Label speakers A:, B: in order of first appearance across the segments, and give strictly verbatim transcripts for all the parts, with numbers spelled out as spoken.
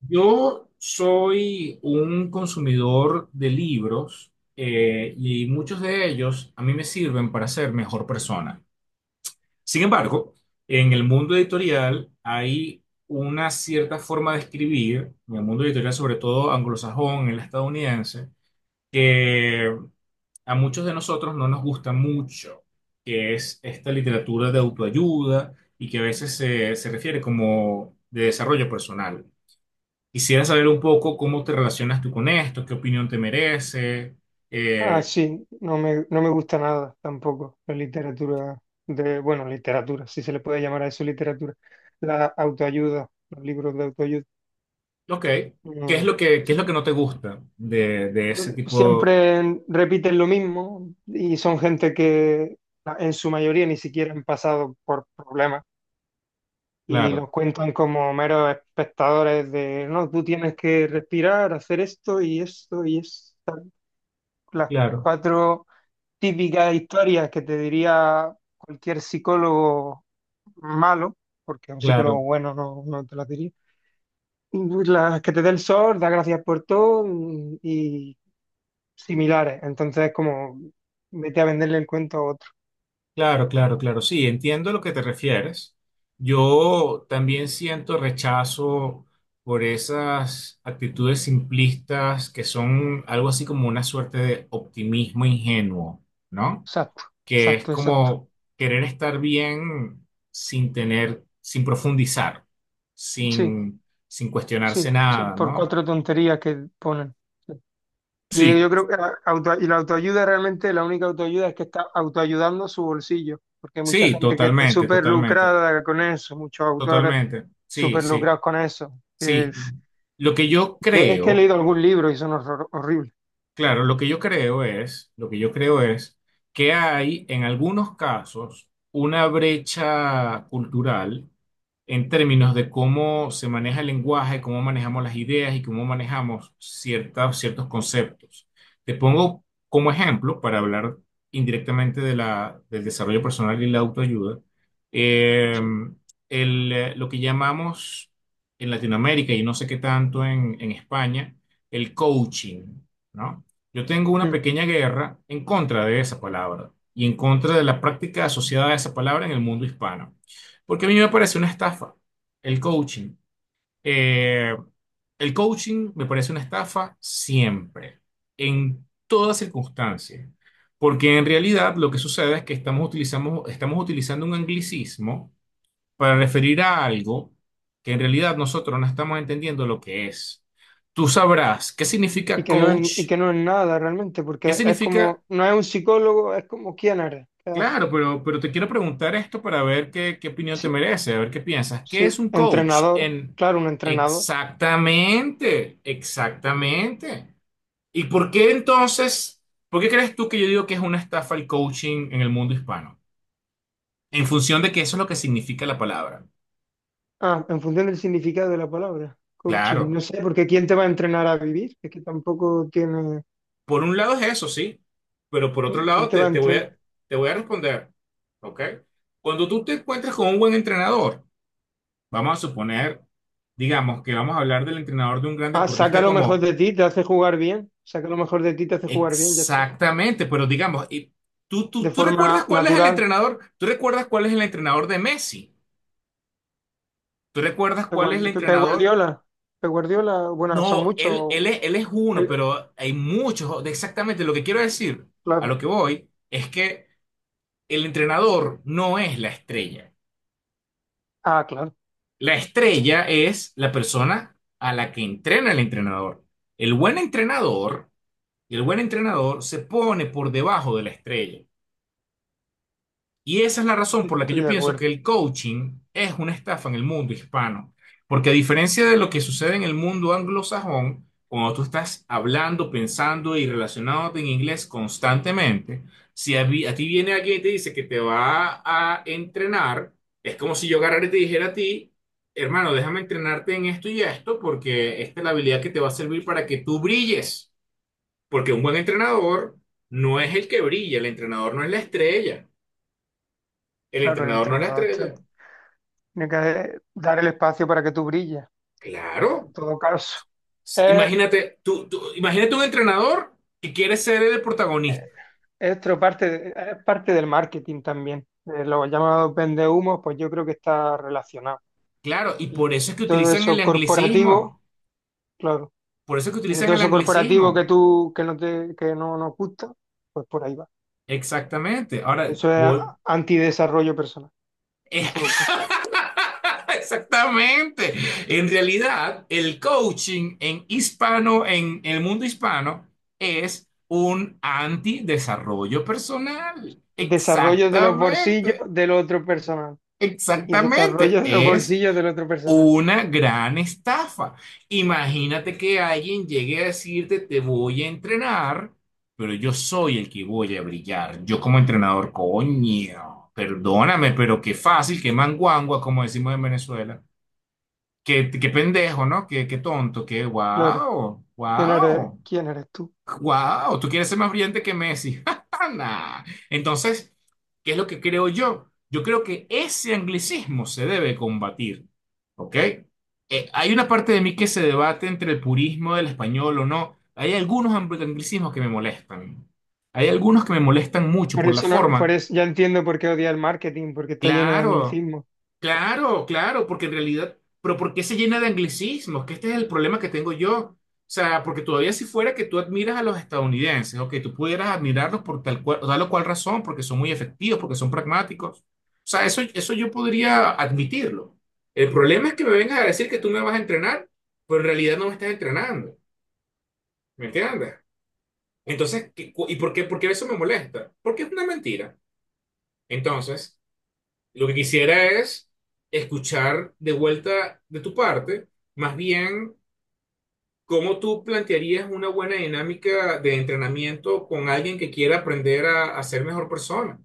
A: Yo soy un consumidor de libros eh, y muchos de ellos a mí me sirven para ser mejor persona. Sin embargo, en el mundo editorial hay una cierta forma de escribir, en el mundo editorial sobre todo anglosajón, el estadounidense, que a muchos de nosotros no nos gusta mucho, que es esta literatura de autoayuda y que a veces se, se refiere como de desarrollo personal. Quisiera saber un poco cómo te relacionas tú con esto, qué opinión te merece.
B: Ah,
A: eh,
B: sí, no me, no me gusta nada tampoco la literatura de, bueno, literatura, si se le puede llamar a eso literatura, la autoayuda, los libros de autoayuda.
A: ok, ¿qué es
B: No,
A: lo que, qué es lo que
B: sí,
A: no te gusta de, de ese
B: por-
A: tipo?
B: siempre repiten lo mismo y son gente que en su mayoría ni siquiera han pasado por problemas y
A: Claro,
B: los cuentan como meros espectadores de, no, tú tienes que respirar, hacer esto y esto y eso. Las
A: claro,
B: cuatro típicas historias que te diría cualquier psicólogo malo, porque un psicólogo
A: claro,
B: bueno no, no te las diría. Las que te dé el sol, da gracias por todo y, y similares. Entonces, es como vete a venderle el cuento a otro.
A: claro, claro, claro. Sí, entiendo a lo que te refieres. Yo también siento rechazo por esas actitudes simplistas que son algo así como una suerte de optimismo ingenuo, ¿no?
B: Exacto,
A: Que es
B: exacto, exacto.
A: como querer estar bien sin tener, sin profundizar,
B: Sí,
A: sin, sin cuestionarse
B: sí, sí,
A: nada,
B: por
A: ¿no?
B: cuatro tonterías que ponen. Sí. Y
A: Sí,
B: yo creo que la auto- y la autoayuda realmente, la única autoayuda es que está autoayudando su bolsillo, porque hay mucha
A: sí,
B: gente que está
A: totalmente,
B: súper
A: totalmente,
B: lucrada con eso, muchos autores
A: totalmente, sí,
B: súper
A: sí,
B: lucrados con eso. que
A: sí.
B: Es,
A: Lo que yo
B: yo es que he
A: creo
B: leído algún libro y son horror- horribles.
A: Claro, lo que yo creo es, lo que yo creo es que hay en algunos casos una brecha cultural en términos de cómo se maneja el lenguaje, cómo manejamos las ideas y cómo manejamos ciertas, ciertos conceptos. Te pongo como ejemplo, para hablar indirectamente de la, del desarrollo personal y la autoayuda, eh,
B: Sí.
A: el, eh, lo que llamamos en Latinoamérica y no sé qué tanto en, en España, el coaching, ¿no? Yo tengo una
B: Mm.
A: pequeña guerra en contra de esa palabra y en contra de la práctica asociada a esa palabra en el mundo hispano. Porque a mí me parece una estafa el coaching. Eh, el coaching me parece una estafa siempre, en toda circunstancia. Porque en realidad lo que sucede es que estamos, utilizamos, estamos utilizando un anglicismo para referir a algo que en realidad nosotros no estamos entendiendo lo que es. Tú sabrás qué
B: Y
A: significa
B: que no es, y
A: coach,
B: que no es nada realmente,
A: qué
B: porque es
A: significa
B: como, no es un psicólogo, es como, ¿quién eres? ¿Qué haces?
A: Claro, pero, pero te quiero preguntar esto para ver qué, qué opinión te
B: Sí,
A: merece, a ver qué piensas. ¿Qué es
B: sí,
A: un coach?
B: entrenador,
A: En...
B: claro, un entrenador.
A: Exactamente, exactamente. ¿Y por qué entonces, por qué crees tú que yo digo que es una estafa el coaching en el mundo hispano? En función de que eso es lo que significa la palabra.
B: Ah, en función del significado de la palabra, coaching. No
A: Claro,
B: sé, porque ¿quién te va a entrenar a vivir? Es que tampoco tiene…
A: por un lado es eso, sí, pero por otro
B: ¿No? ¿Quién
A: lado
B: te va
A: te,
B: a
A: te voy
B: entrenar?
A: a, te voy a responder, ¿ok? Cuando tú te encuentras con un buen entrenador, vamos a suponer, digamos, que vamos a hablar del entrenador de un gran
B: Ah, saca
A: deportista
B: lo mejor
A: como
B: de ti, te hace jugar bien. Saca lo mejor de ti, te hace jugar bien, ya está.
A: exactamente, pero digamos, y ¿tú, tú,
B: De
A: tú
B: forma
A: recuerdas cuál es el
B: natural.
A: entrenador? ¿Tú recuerdas cuál es el entrenador de Messi? ¿Tú recuerdas
B: Pep
A: cuál es el
B: Guardi- Pep
A: entrenador?
B: Guardiola. Pep Guardiola, bueno, son
A: No, él, él,
B: muchos.
A: es- él es uno,
B: El-
A: pero hay muchos. Exactamente, lo que quiero decir, a lo
B: Claro.
A: que voy, es que el entrenador no es la estrella.
B: Ah, claro.
A: La estrella es la persona a la que entrena el entrenador. El buen entrenador Y el buen entrenador se pone por debajo de la estrella. Y esa es la razón por la que
B: Estoy
A: yo
B: de
A: pienso que
B: acuerdo.
A: el coaching es una estafa en el mundo hispano. Porque a diferencia de lo que sucede en el mundo anglosajón, cuando tú estás hablando, pensando y relacionándote en inglés constantemente, si a, vi- a ti viene alguien y te dice que te va a entrenar, es como si yo agarrara y te dijera a ti, hermano, déjame entrenarte en esto y esto, porque esta es la habilidad que te va a servir para que tú brilles. Porque un buen entrenador no es el que brilla, el entrenador no es la estrella. El
B: Claro, el
A: entrenador no es la
B: entrenador te-
A: estrella.
B: tiene que dar el espacio para que tú brilles,
A: Claro.
B: en todo caso.
A: S-
B: Eh,
A: Imagínate, tú, tú- imagínate un entrenador que quiere ser el protagonista.
B: Esto parte, es parte del marketing también. Eh, lo llamado vendehumos, pues yo creo que está relacionado.
A: Claro, y por
B: Y
A: eso es que
B: todo
A: utilizan el
B: eso corporativo,
A: anglicismo.
B: claro.
A: Por eso es que
B: Y de
A: utilizan
B: todo
A: el
B: eso corporativo que
A: anglicismo.
B: tú, que no te, que no nos gusta, pues por ahí va.
A: Exactamente. Ahora,
B: Eso es
A: voy-
B: antidesarrollo personal,
A: es
B: en todo caso.
A: exactamente. En realidad, el coaching en hispano, en el mundo hispano, es un antidesarrollo personal.
B: Desarrollo de los bolsillos
A: Exactamente.
B: del otro personal. Y
A: Exactamente.
B: desarrollo de los
A: Es
B: bolsillos del otro personal.
A: una gran estafa. Imagínate que alguien llegue a decirte, te voy a entrenar, pero yo soy el que voy a brillar. Yo como entrenador, coño. Perdóname, pero qué fácil, qué manguangua, como decimos en Venezuela. Qué, qué pendejo, ¿no? Qué, qué tonto, qué
B: Claro.
A: wow,
B: ¿Quién eres,
A: wow,
B: quién eres tú?
A: wow. Tú quieres ser más brillante que Messi. Nah. Entonces, ¿qué es lo que creo yo? Yo creo que ese anglicismo se debe combatir, ¿ok? Eh, hay una parte de mí que se debate entre el purismo del español o no. Hay algunos ang- anglicismos que me molestan. Hay algunos que me molestan mucho
B: Por
A: por la
B: eso, no- por
A: forma.
B: eso ya entiendo por qué odia el marketing, porque está lleno de
A: Claro.
B: anglicismos.
A: Claro, claro, porque en realidad, pero ¿por qué se llena de anglicismos? Que este es el problema que tengo yo. O sea, porque todavía si fuera que tú admiras a los estadounidenses, o que tú pudieras admirarlos por tal cual, tal o cual razón, porque son muy efectivos, porque son pragmáticos. O sea, eso, eso yo podría admitirlo. El problema es que me vengas a decir que tú me vas a entrenar, pero en realidad no me estás entrenando. ¿Me entiendes? Entonces, ¿qué- cu- ¿y por qué, por qué eso me molesta? Porque es una mentira. Entonces... Lo que quisiera es escuchar de vuelta de tu parte, más bien cómo tú plantearías una buena dinámica de entrenamiento con alguien que quiera aprender a, a ser mejor persona.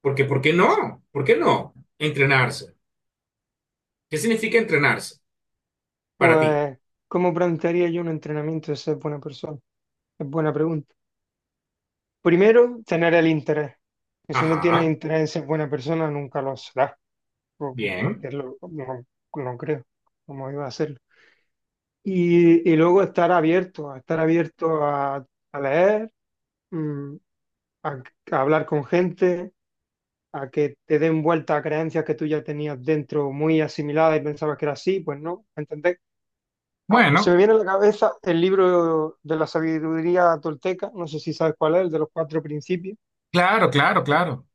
A: Porque, ¿por qué no? ¿Por qué no? Entrenarse. ¿Qué significa entrenarse para ti?
B: Pues, ¿cómo plantearía yo un entrenamiento de ser buena persona? Es buena pregunta. Primero, tener el interés. Que si no tienes
A: Ajá,
B: interés en ser buena persona, nunca lo serás. po- po-
A: bien.
B: Porque lo, no, no creo cómo iba a hacerlo. Y, y luego estar abierto, a estar abierto a, a leer, mm, a, a hablar con gente, a que te den vuelta a creencias que tú ya tenías dentro muy asimiladas y pensabas que era así, pues no, ¿entendés? Ah, se
A: Bueno,
B: me viene a la cabeza el libro de la sabiduría tolteca, no sé si sabes cuál es, el de los cuatro principios,
A: claro, claro, claro,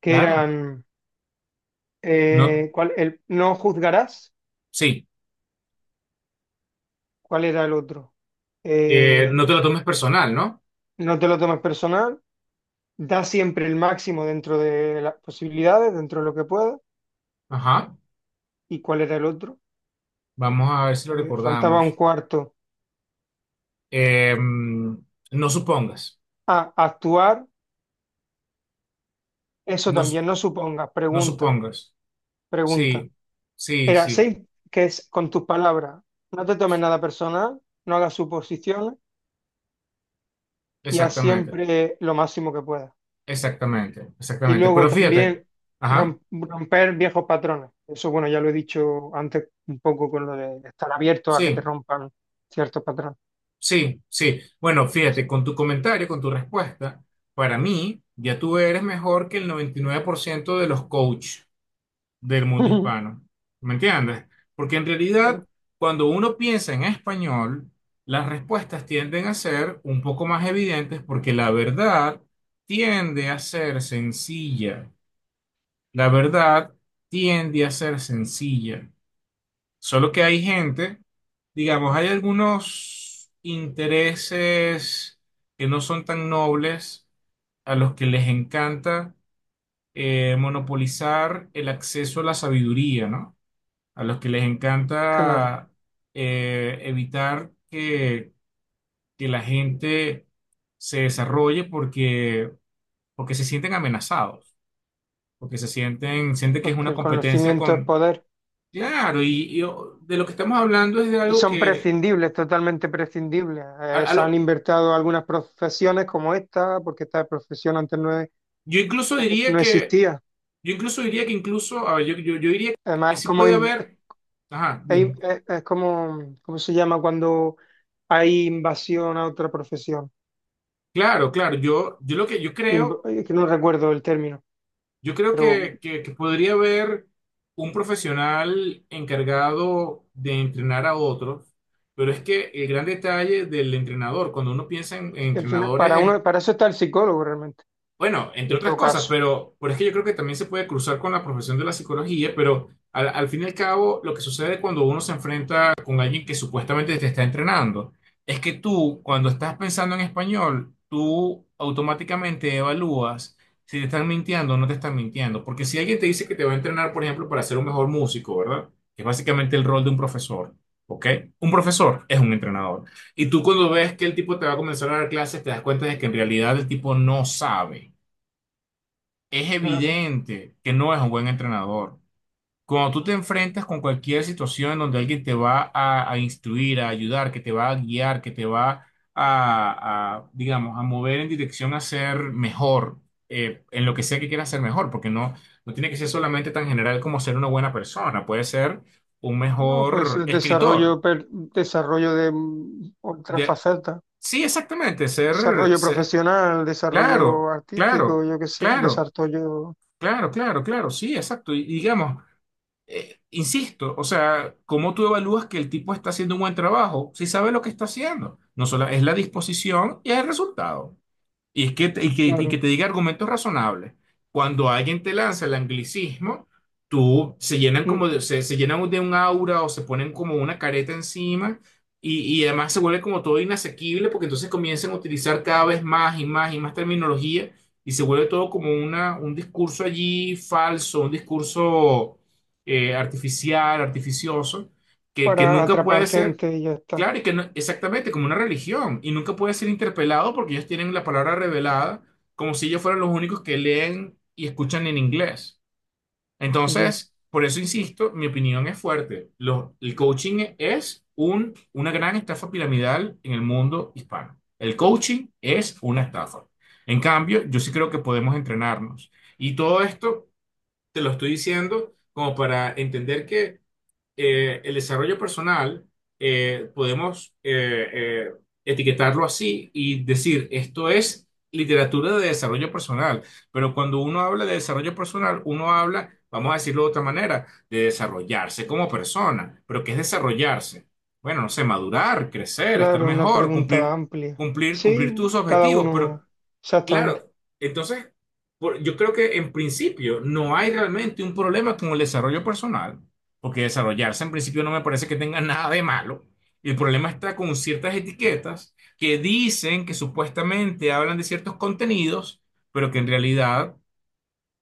B: que
A: claro.
B: eran,
A: No,
B: eh, cuál, el, no juzgarás,
A: sí,
B: ¿cuál era el otro?
A: Eh,
B: Eh,
A: no te lo tomes personal, ¿no?
B: no te lo tomes personal, da siempre el máximo dentro de las posibilidades, dentro de lo que puedas,
A: Ajá,
B: ¿y cuál era el otro?
A: vamos a ver si lo
B: Había- Faltaba un
A: recordamos.
B: cuarto.
A: Em, no supongas.
B: Ah, actuar, eso
A: No, su-
B: también, no supongas,
A: no
B: pregunta,
A: supongas.
B: pregunta.
A: Sí, sí,
B: Era
A: sí.
B: seis, que es con tus palabras, no te tomes nada personal, no hagas suposiciones y haz
A: Exactamente,
B: siempre lo máximo que puedas.
A: exactamente,
B: Y
A: exactamente.
B: luego
A: Pero fíjate,
B: también
A: ajá,
B: rom- romper viejos patrones. Eso, bueno, ya lo he dicho antes un poco con lo de estar abierto a que te
A: sí,
B: rompan ciertos patrones.
A: sí, sí. Bueno, fíjate, con tu comentario, con tu respuesta, para mí, ya tú eres mejor que el noventa y nueve por ciento de los coaches del mundo hispano. ¿Me entiendes? Porque en realidad, cuando uno piensa en español, las respuestas tienden a ser un poco más evidentes porque la verdad tiende a ser sencilla. La verdad tiende a ser sencilla, solo que hay gente, digamos, hay algunos intereses que no son tan nobles a los que les encanta eh, monopolizar el acceso a la sabiduría, ¿no? A los que les
B: Claro,
A: encanta eh, evitar que, que la gente se desarrolle porque, porque se sienten amenazados, porque se sienten, sienten que es
B: porque
A: una
B: el
A: competencia
B: conocimiento es
A: con
B: poder
A: Claro, y, yo- de lo que estamos hablando es de
B: y
A: algo
B: son
A: que
B: prescindibles, totalmente prescindibles.
A: a-
B: Eh,
A: a
B: se han
A: lo-
B: invertido algunas profesiones como esta, porque esta profesión antes no, e-
A: yo incluso diría
B: no
A: que
B: existía.
A: yo incluso diría que incluso a ver, yo, yo, yo diría
B: Además,
A: que
B: es
A: sí
B: como
A: puede
B: in-
A: haber ajá,
B: Hay-
A: dime.
B: eh, es como, ¿cómo se llama cuando hay invasión a otra profesión?
A: Claro, claro, yo yo lo que yo
B: Inv-
A: creo,
B: eh, que no recuerdo el término,
A: yo creo
B: pero
A: que, que, que podría haber un profesional encargado de entrenar a otros, pero es que el gran detalle del entrenador, cuando uno piensa en, en
B: al final para
A: entrenadores
B: uno, para eso está el psicólogo realmente,
A: Bueno, entre
B: en
A: otras
B: todo
A: cosas,
B: caso.
A: pero, pero es que yo creo que también se puede cruzar con la profesión de la psicología, pero al, al fin y al cabo lo que sucede cuando uno se enfrenta con alguien que supuestamente te está entrenando es que tú, cuando estás pensando en español, tú automáticamente evalúas si te están mintiendo o no te están mintiendo, porque si alguien te dice que te va a entrenar, por ejemplo, para ser un mejor músico, ¿verdad? Que es básicamente el rol de un profesor, ¿ok? Un profesor es un entrenador. Y tú cuando ves que el tipo te va a comenzar a dar clases, te das cuenta de que en realidad el tipo no sabe es
B: Claro.
A: evidente que no es un buen entrenador. Cuando tú te enfrentas con cualquier situación en donde alguien te va a, a instruir, a ayudar, que te va a guiar, que te va a, a, digamos, a mover en dirección a ser mejor, eh, en lo que sea que quieras ser mejor, porque no, no tiene que ser solamente tan general como ser una buena persona, puede ser un
B: No, pues
A: mejor
B: el
A: escritor.
B: desarrollo, per- desarrollo de mm, otras
A: De-
B: facetas,
A: sí, exactamente, ser,
B: desarrollo
A: ser-
B: profesional,
A: claro,
B: desarrollo artístico,
A: claro,
B: yo qué sé,
A: claro,
B: desarrollo.
A: claro, claro, claro, sí, exacto. Y digamos, eh, insisto, o sea, ¿cómo tú evalúas que el tipo está haciendo un buen trabajo? Si sabe lo que está haciendo. No solo es la disposición y el resultado. Y, es que, te- y, que, y que
B: Claro.
A: te diga argumentos razonables. Cuando alguien te lanza el anglicismo, tú se llenan
B: mm,
A: como de, se, se llenan de un aura o se ponen como una careta encima y, y además se vuelve como todo inasequible porque entonces comienzan a utilizar cada vez más y más y más terminología y se vuelve todo como una, un discurso allí falso, un discurso eh, artificial, artificioso, que, que
B: para
A: nunca
B: atrapar
A: puede ser.
B: gente y ya está.
A: Claro, y que no- exactamente como una religión, y nunca puede ser interpelado porque ellos tienen la palabra revelada, como si ellos fueran los únicos que leen y escuchan en inglés.
B: Ya.
A: Entonces, por eso insisto, mi opinión es fuerte. Los- el coaching es un, una gran estafa piramidal en el mundo hispano. El coaching es una estafa. En cambio, yo sí creo que podemos entrenarnos. Y todo esto te lo estoy diciendo como para entender que eh, el desarrollo personal eh, podemos eh, eh, etiquetarlo así y decir, esto es literatura de desarrollo personal. Pero cuando uno habla de desarrollo personal, uno habla, vamos a decirlo de otra manera, de desarrollarse como persona. ¿Pero qué es desarrollarse? Bueno, no sé, madurar, crecer, estar
B: Claro, una
A: mejor,
B: pregunta
A: cumplir,
B: amplia.
A: cumplir,
B: Sí,
A: cumplir tus
B: cada
A: objetivos, pero
B: uno, exactamente.
A: claro, entonces por- yo creo que en principio no hay realmente un problema con el desarrollo personal, porque desarrollarse en principio no me parece que tenga nada de malo. Y el problema está con ciertas etiquetas que dicen que supuestamente hablan de ciertos contenidos, pero que en realidad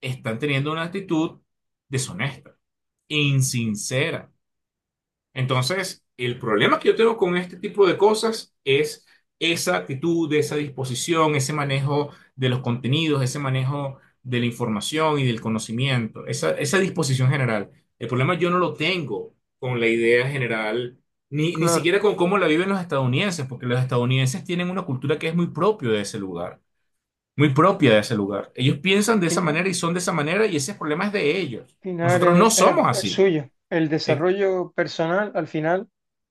A: están teniendo una actitud deshonesta, insincera. Entonces, el problema que yo tengo con este tipo de cosas es esa actitud, esa disposición, ese manejo de los contenidos, ese manejo de la información y del conocimiento, esa, esa disposición general. El problema yo no lo tengo con la idea general, ni, ni
B: Claro,
A: siquiera con cómo la viven los estadounidenses, porque los estadounidenses tienen una cultura que es muy propio de ese lugar, muy propia de ese lugar. Ellos piensan de esa
B: final,
A: manera y son de esa manera y ese problema es de ellos.
B: final
A: Nosotros no
B: es,
A: somos
B: es- es
A: así.
B: suyo. El
A: Eh,
B: desarrollo personal, al final,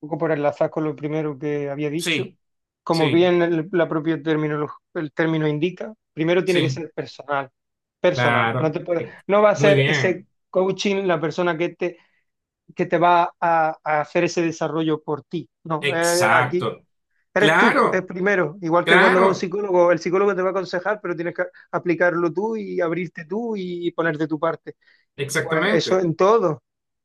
B: un poco por enlazar con lo primero que había dicho,
A: sí,
B: como
A: sí.
B: bien el, la propia terminolo- el término indica, primero tiene que
A: Sí,
B: ser personal, personal. No te
A: claro,
B: puede-
A: eh,
B: no va a
A: muy
B: ser ese
A: bien,
B: coaching la persona que te, que te va a, a hacer ese desarrollo por ti. No, es aquí
A: exacto,
B: eres tú, es
A: claro,
B: primero. Igual que cuando va un
A: claro,
B: psicólogo, el psicólogo te va a aconsejar, pero tienes que aplicarlo tú y abrirte tú y poner de tu parte. Pues eso
A: exactamente.
B: en todo.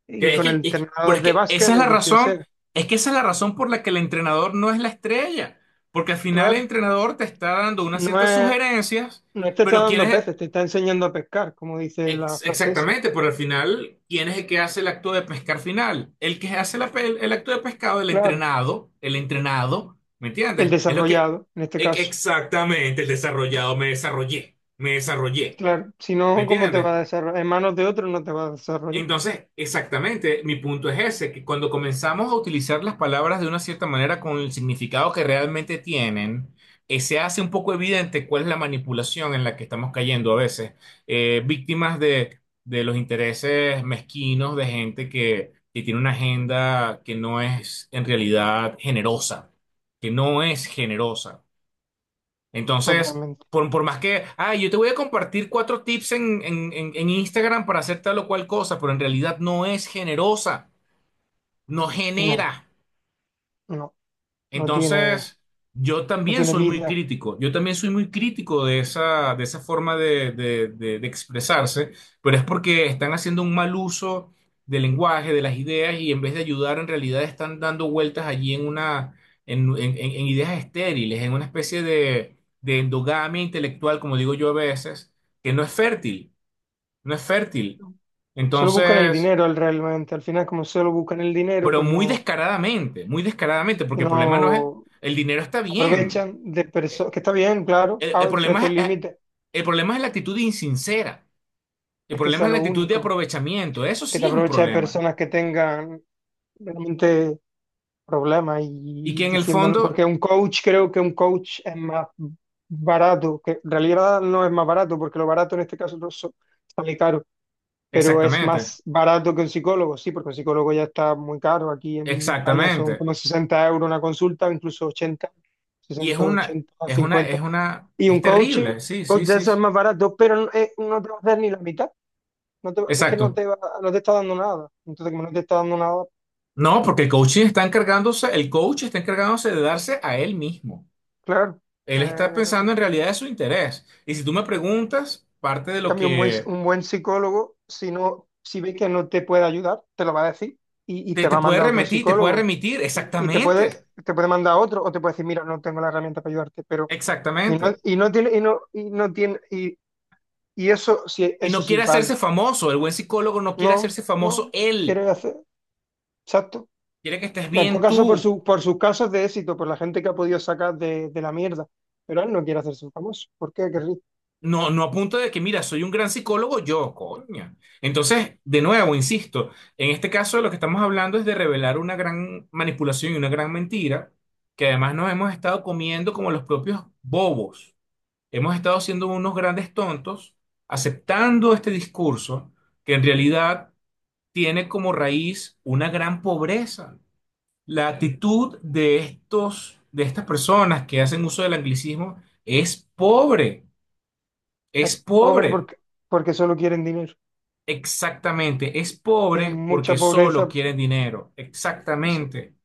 B: Y
A: Que es
B: con el
A: que, es que- pero
B: entrenador
A: es
B: de
A: que esa
B: básquet
A: es
B: o
A: la
B: con quien
A: razón,
B: sea.
A: es que esa es la razón por la que el entrenador no es la estrella, porque al final el
B: Claro.
A: entrenador te está dando unas
B: No
A: ciertas
B: es,
A: sugerencias,
B: no te está
A: pero quién
B: dando
A: es,
B: peces, te está enseñando a pescar, como dice la
A: Ex-
B: frase esa.
A: exactamente, pero al final, ¿quién es el que hace el acto de pescar final? El que hace la pe- el acto de pescado, el
B: Claro.
A: entrenado, el entrenado, ¿me
B: El
A: entiendes? Es lo que...
B: desarrollado, en este
A: e-
B: caso.
A: Exactamente, el desarrollado, me desarrollé, me desarrollé,
B: Claro. Si
A: ¿me
B: no, ¿cómo te
A: entiendes?
B: va a desarrollar? En manos de otro no te va a desarrollar.
A: Entonces, exactamente, mi punto es ese, que cuando comenzamos a utilizar las palabras de una cierta manera con el significado que realmente tienen, eh, se hace un poco evidente cuál es la manipulación en la que estamos cayendo a veces. Eh, víctimas de, de los intereses mezquinos de gente que, que tiene una agenda que no es en realidad generosa, que no es generosa. Entonces,
B: Totalmente.
A: por, por más que, ah, yo te voy a compartir cuatro tips en, en, en en Instagram para hacer tal o cual cosa, pero en realidad no es generosa, no
B: No,
A: genera.
B: no. No tiene,
A: Entonces, yo
B: no
A: también
B: tiene
A: soy muy
B: vida.
A: crítico, yo también soy muy crítico de esa, de esa forma de, de- de- de expresarse, pero es porque están haciendo un mal uso del lenguaje, de las ideas, y en vez de ayudar, en realidad están dando vueltas allí en una, en, en- en- en ideas estériles, en una especie de, de endogamia intelectual, como digo yo a veces, que no es fértil, no es fértil.
B: Solo buscan el
A: Entonces,
B: dinero al- realmente. Al final, como solo buscan el dinero,
A: pero
B: pues
A: muy
B: no.
A: descaradamente, muy descaradamente, porque el problema no es el,
B: No,
A: el dinero está
B: se
A: bien.
B: aprovechan de personas, que está bien, claro,
A: El, el
B: a
A: problema
B: ciertos
A: es, eh,
B: límites,
A: el problema es la actitud insincera. El
B: es que
A: problema
B: sea
A: es la
B: lo
A: actitud de
B: único.
A: aprovechamiento. Eso
B: Que te
A: sí es un
B: aprovechas de
A: problema.
B: personas que tengan realmente problemas
A: Y
B: y
A: que en el
B: diciéndonos, porque
A: fondo,
B: un coach, creo que un coach es más barato, que en realidad no es más barato, porque lo barato en este caso no so- sale caro, pero es
A: exactamente,
B: más barato que un psicólogo, sí, porque un psicólogo ya está muy caro, aquí en España son
A: exactamente.
B: como sesenta euros una consulta, incluso ochenta,
A: Y es
B: sesenta,
A: una,
B: ochenta,
A: es una, es
B: cincuenta.
A: una,
B: Y
A: es
B: un coaching,
A: terrible. Sí,
B: coach
A: sí,
B: de
A: sí.
B: eso
A: Sí.
B: es más barato, pero no, eh, no te va a hacer ni la mitad. No te- es que no
A: Exacto.
B: te va, no te está dando nada. Entonces, como no te está dando nada,
A: No, porque el coaching está encargándose, el coach está encargándose de darse a él mismo.
B: claro.
A: Él está pensando
B: eh,
A: en realidad de su interés. Y si tú me preguntas, parte de
B: en
A: lo
B: cambio, un buen,
A: que
B: un buen psicólogo, si no, si ve que no te puede ayudar, te lo va a decir y, y
A: te,
B: te
A: te
B: va a
A: puede
B: mandar a otro
A: remitir, te puede
B: psicólogo.
A: remitir,
B: Y, y te puede,
A: exactamente,
B: te puede mandar a otro, o te puede decir, mira, no tengo la herramienta para ayudarte, pero, y no,
A: exactamente.
B: y no tiene, y no, y no tiene, y, y eso sí,
A: Y
B: eso
A: no
B: sí
A: quiere
B: vale.
A: hacerse famoso, el buen psicólogo no quiere
B: No,
A: hacerse famoso
B: no,
A: él,
B: quiere hacer, exacto.
A: quiere que estés
B: En todo
A: bien
B: caso, por
A: tú.
B: su, por sus casos de éxito, por la gente que ha podido sacar de, de la mierda. Pero él no quiere hacerse famoso. ¿Por qué querría?
A: No, no a punto de que, mira, soy un gran psicólogo yo, coño. Entonces, de nuevo, insisto, en este caso lo que estamos hablando es de revelar una gran manipulación y una gran mentira, que además nos hemos estado comiendo como los propios bobos. Hemos estado siendo unos grandes tontos aceptando este discurso que en realidad tiene como raíz una gran pobreza. La actitud de estos, de estas personas que hacen uso del anglicismo es pobre,
B: Es
A: es
B: pobre
A: pobre,
B: porque, porque solo quieren dinero.
A: exactamente, es
B: Tienen
A: pobre porque
B: mucha
A: solo
B: pobreza
A: quieren dinero,
B: y, so-
A: exactamente,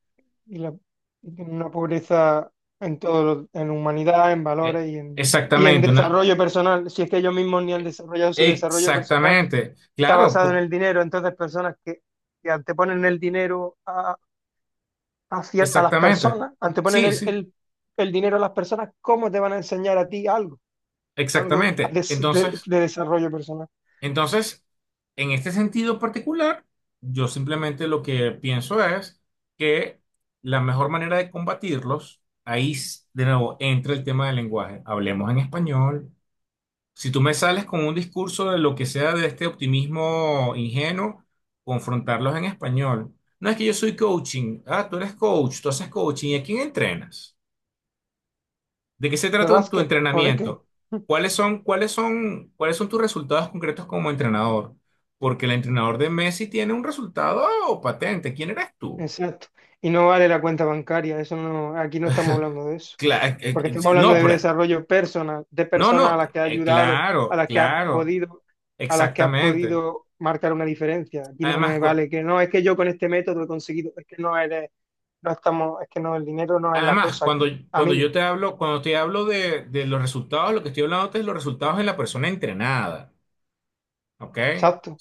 B: y la- y tienen una pobreza en todo, lo- en humanidad, en
A: eh,
B: valores y en, y en
A: exactamente, una,
B: desarrollo personal. Si es que ellos mismos ni han
A: eh,
B: desarrollado su desarrollo personal,
A: exactamente,
B: está
A: claro,
B: basado en
A: po-
B: el dinero. Entonces, personas que, que te ponen el dinero hacia a las
A: exactamente,
B: personas, anteponen
A: sí,
B: el,
A: sí,
B: el, el dinero a las personas, ¿cómo te van a enseñar a ti algo? Algo de,
A: exactamente.
B: de-
A: Entonces,
B: de desarrollo personal,
A: Entonces, en este sentido particular, yo simplemente lo que pienso es que la mejor manera de combatirlos, ahí s- de nuevo entra el tema del lenguaje. Hablemos en español. Si tú me sales con un discurso de lo que sea de este optimismo ingenuo, confrontarlos en español. No es que yo soy coaching. Ah, tú eres coach, tú haces coaching. ¿Y a quién entrenas? ¿De qué se
B: de
A: trata tu
B: básquet o de qué.
A: entrenamiento? ¿Cuáles son, cuáles son, cuáles son tus resultados concretos como entrenador? Porque el entrenador de Messi tiene un resultado patente. ¿Quién eres tú?
B: Exacto. Y no vale la cuenta bancaria, eso no, aquí no estamos hablando de eso,
A: Cla- eh, eh,
B: porque
A: eh,
B: estamos
A: sí,
B: hablando
A: no,
B: de
A: pero-
B: desarrollo personal, de
A: no,
B: personas a
A: no,
B: las que ha
A: eh,
B: ayudado, a
A: claro,
B: las que ha
A: claro,
B: podido, a las que has
A: exactamente.
B: podido marcar una diferencia. Aquí no
A: Además,
B: me
A: cu-
B: vale que no, es que yo con este método he conseguido, es que no eres, no estamos, es que no, el dinero no es la
A: Además
B: cosa
A: cuando,
B: aquí,
A: cuando yo
B: amigo.
A: te hablo, cuando te hablo de, de los resultados, lo que estoy hablando es de los resultados en la persona entrenada. ¿Ok?
B: Exacto.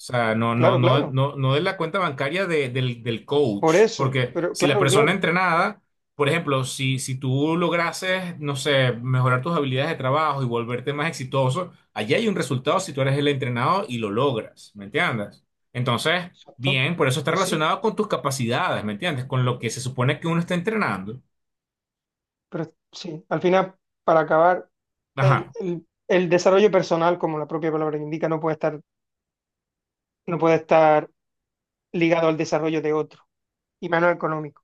A: O sea, no, no,
B: Claro,
A: no,
B: claro,
A: no, no de la cuenta bancaria de- del, del
B: por
A: coach,
B: eso,
A: porque
B: pero
A: si la
B: claro,
A: persona
B: claro,
A: entrenada, por ejemplo, si, si tú lograses, no sé, mejorar tus habilidades de trabajo y volverte más exitoso, allí hay un resultado si tú eres el entrenado y lo logras, ¿me entiendes? Entonces,
B: exacto,
A: bien, por eso está
B: ahí sí,
A: relacionado con tus capacidades, ¿me entiendes? Con lo que se supone que uno está entrenando.
B: pero sí, al final, para acabar, el,
A: Ajá.
B: el- el desarrollo personal, como la propia palabra indica, no puede estar, no puede estar ligado al desarrollo de otro, y menos económico,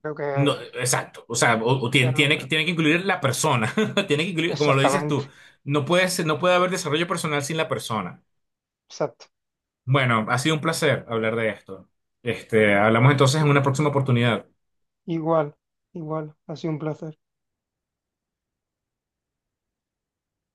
B: creo que,
A: No, exacto. O sea, o- o tiene,
B: creo-
A: tiene que,
B: creo,
A: tiene que incluir la persona. Tiene que incluir, como lo dices
B: exactamente,
A: tú, no puede ser- no puede haber desarrollo personal sin la persona.
B: exacto,
A: Bueno, ha sido un placer hablar de esto. Este, hablamos entonces en
B: I-
A: una próxima oportunidad.
B: igual, igual, ha sido un placer.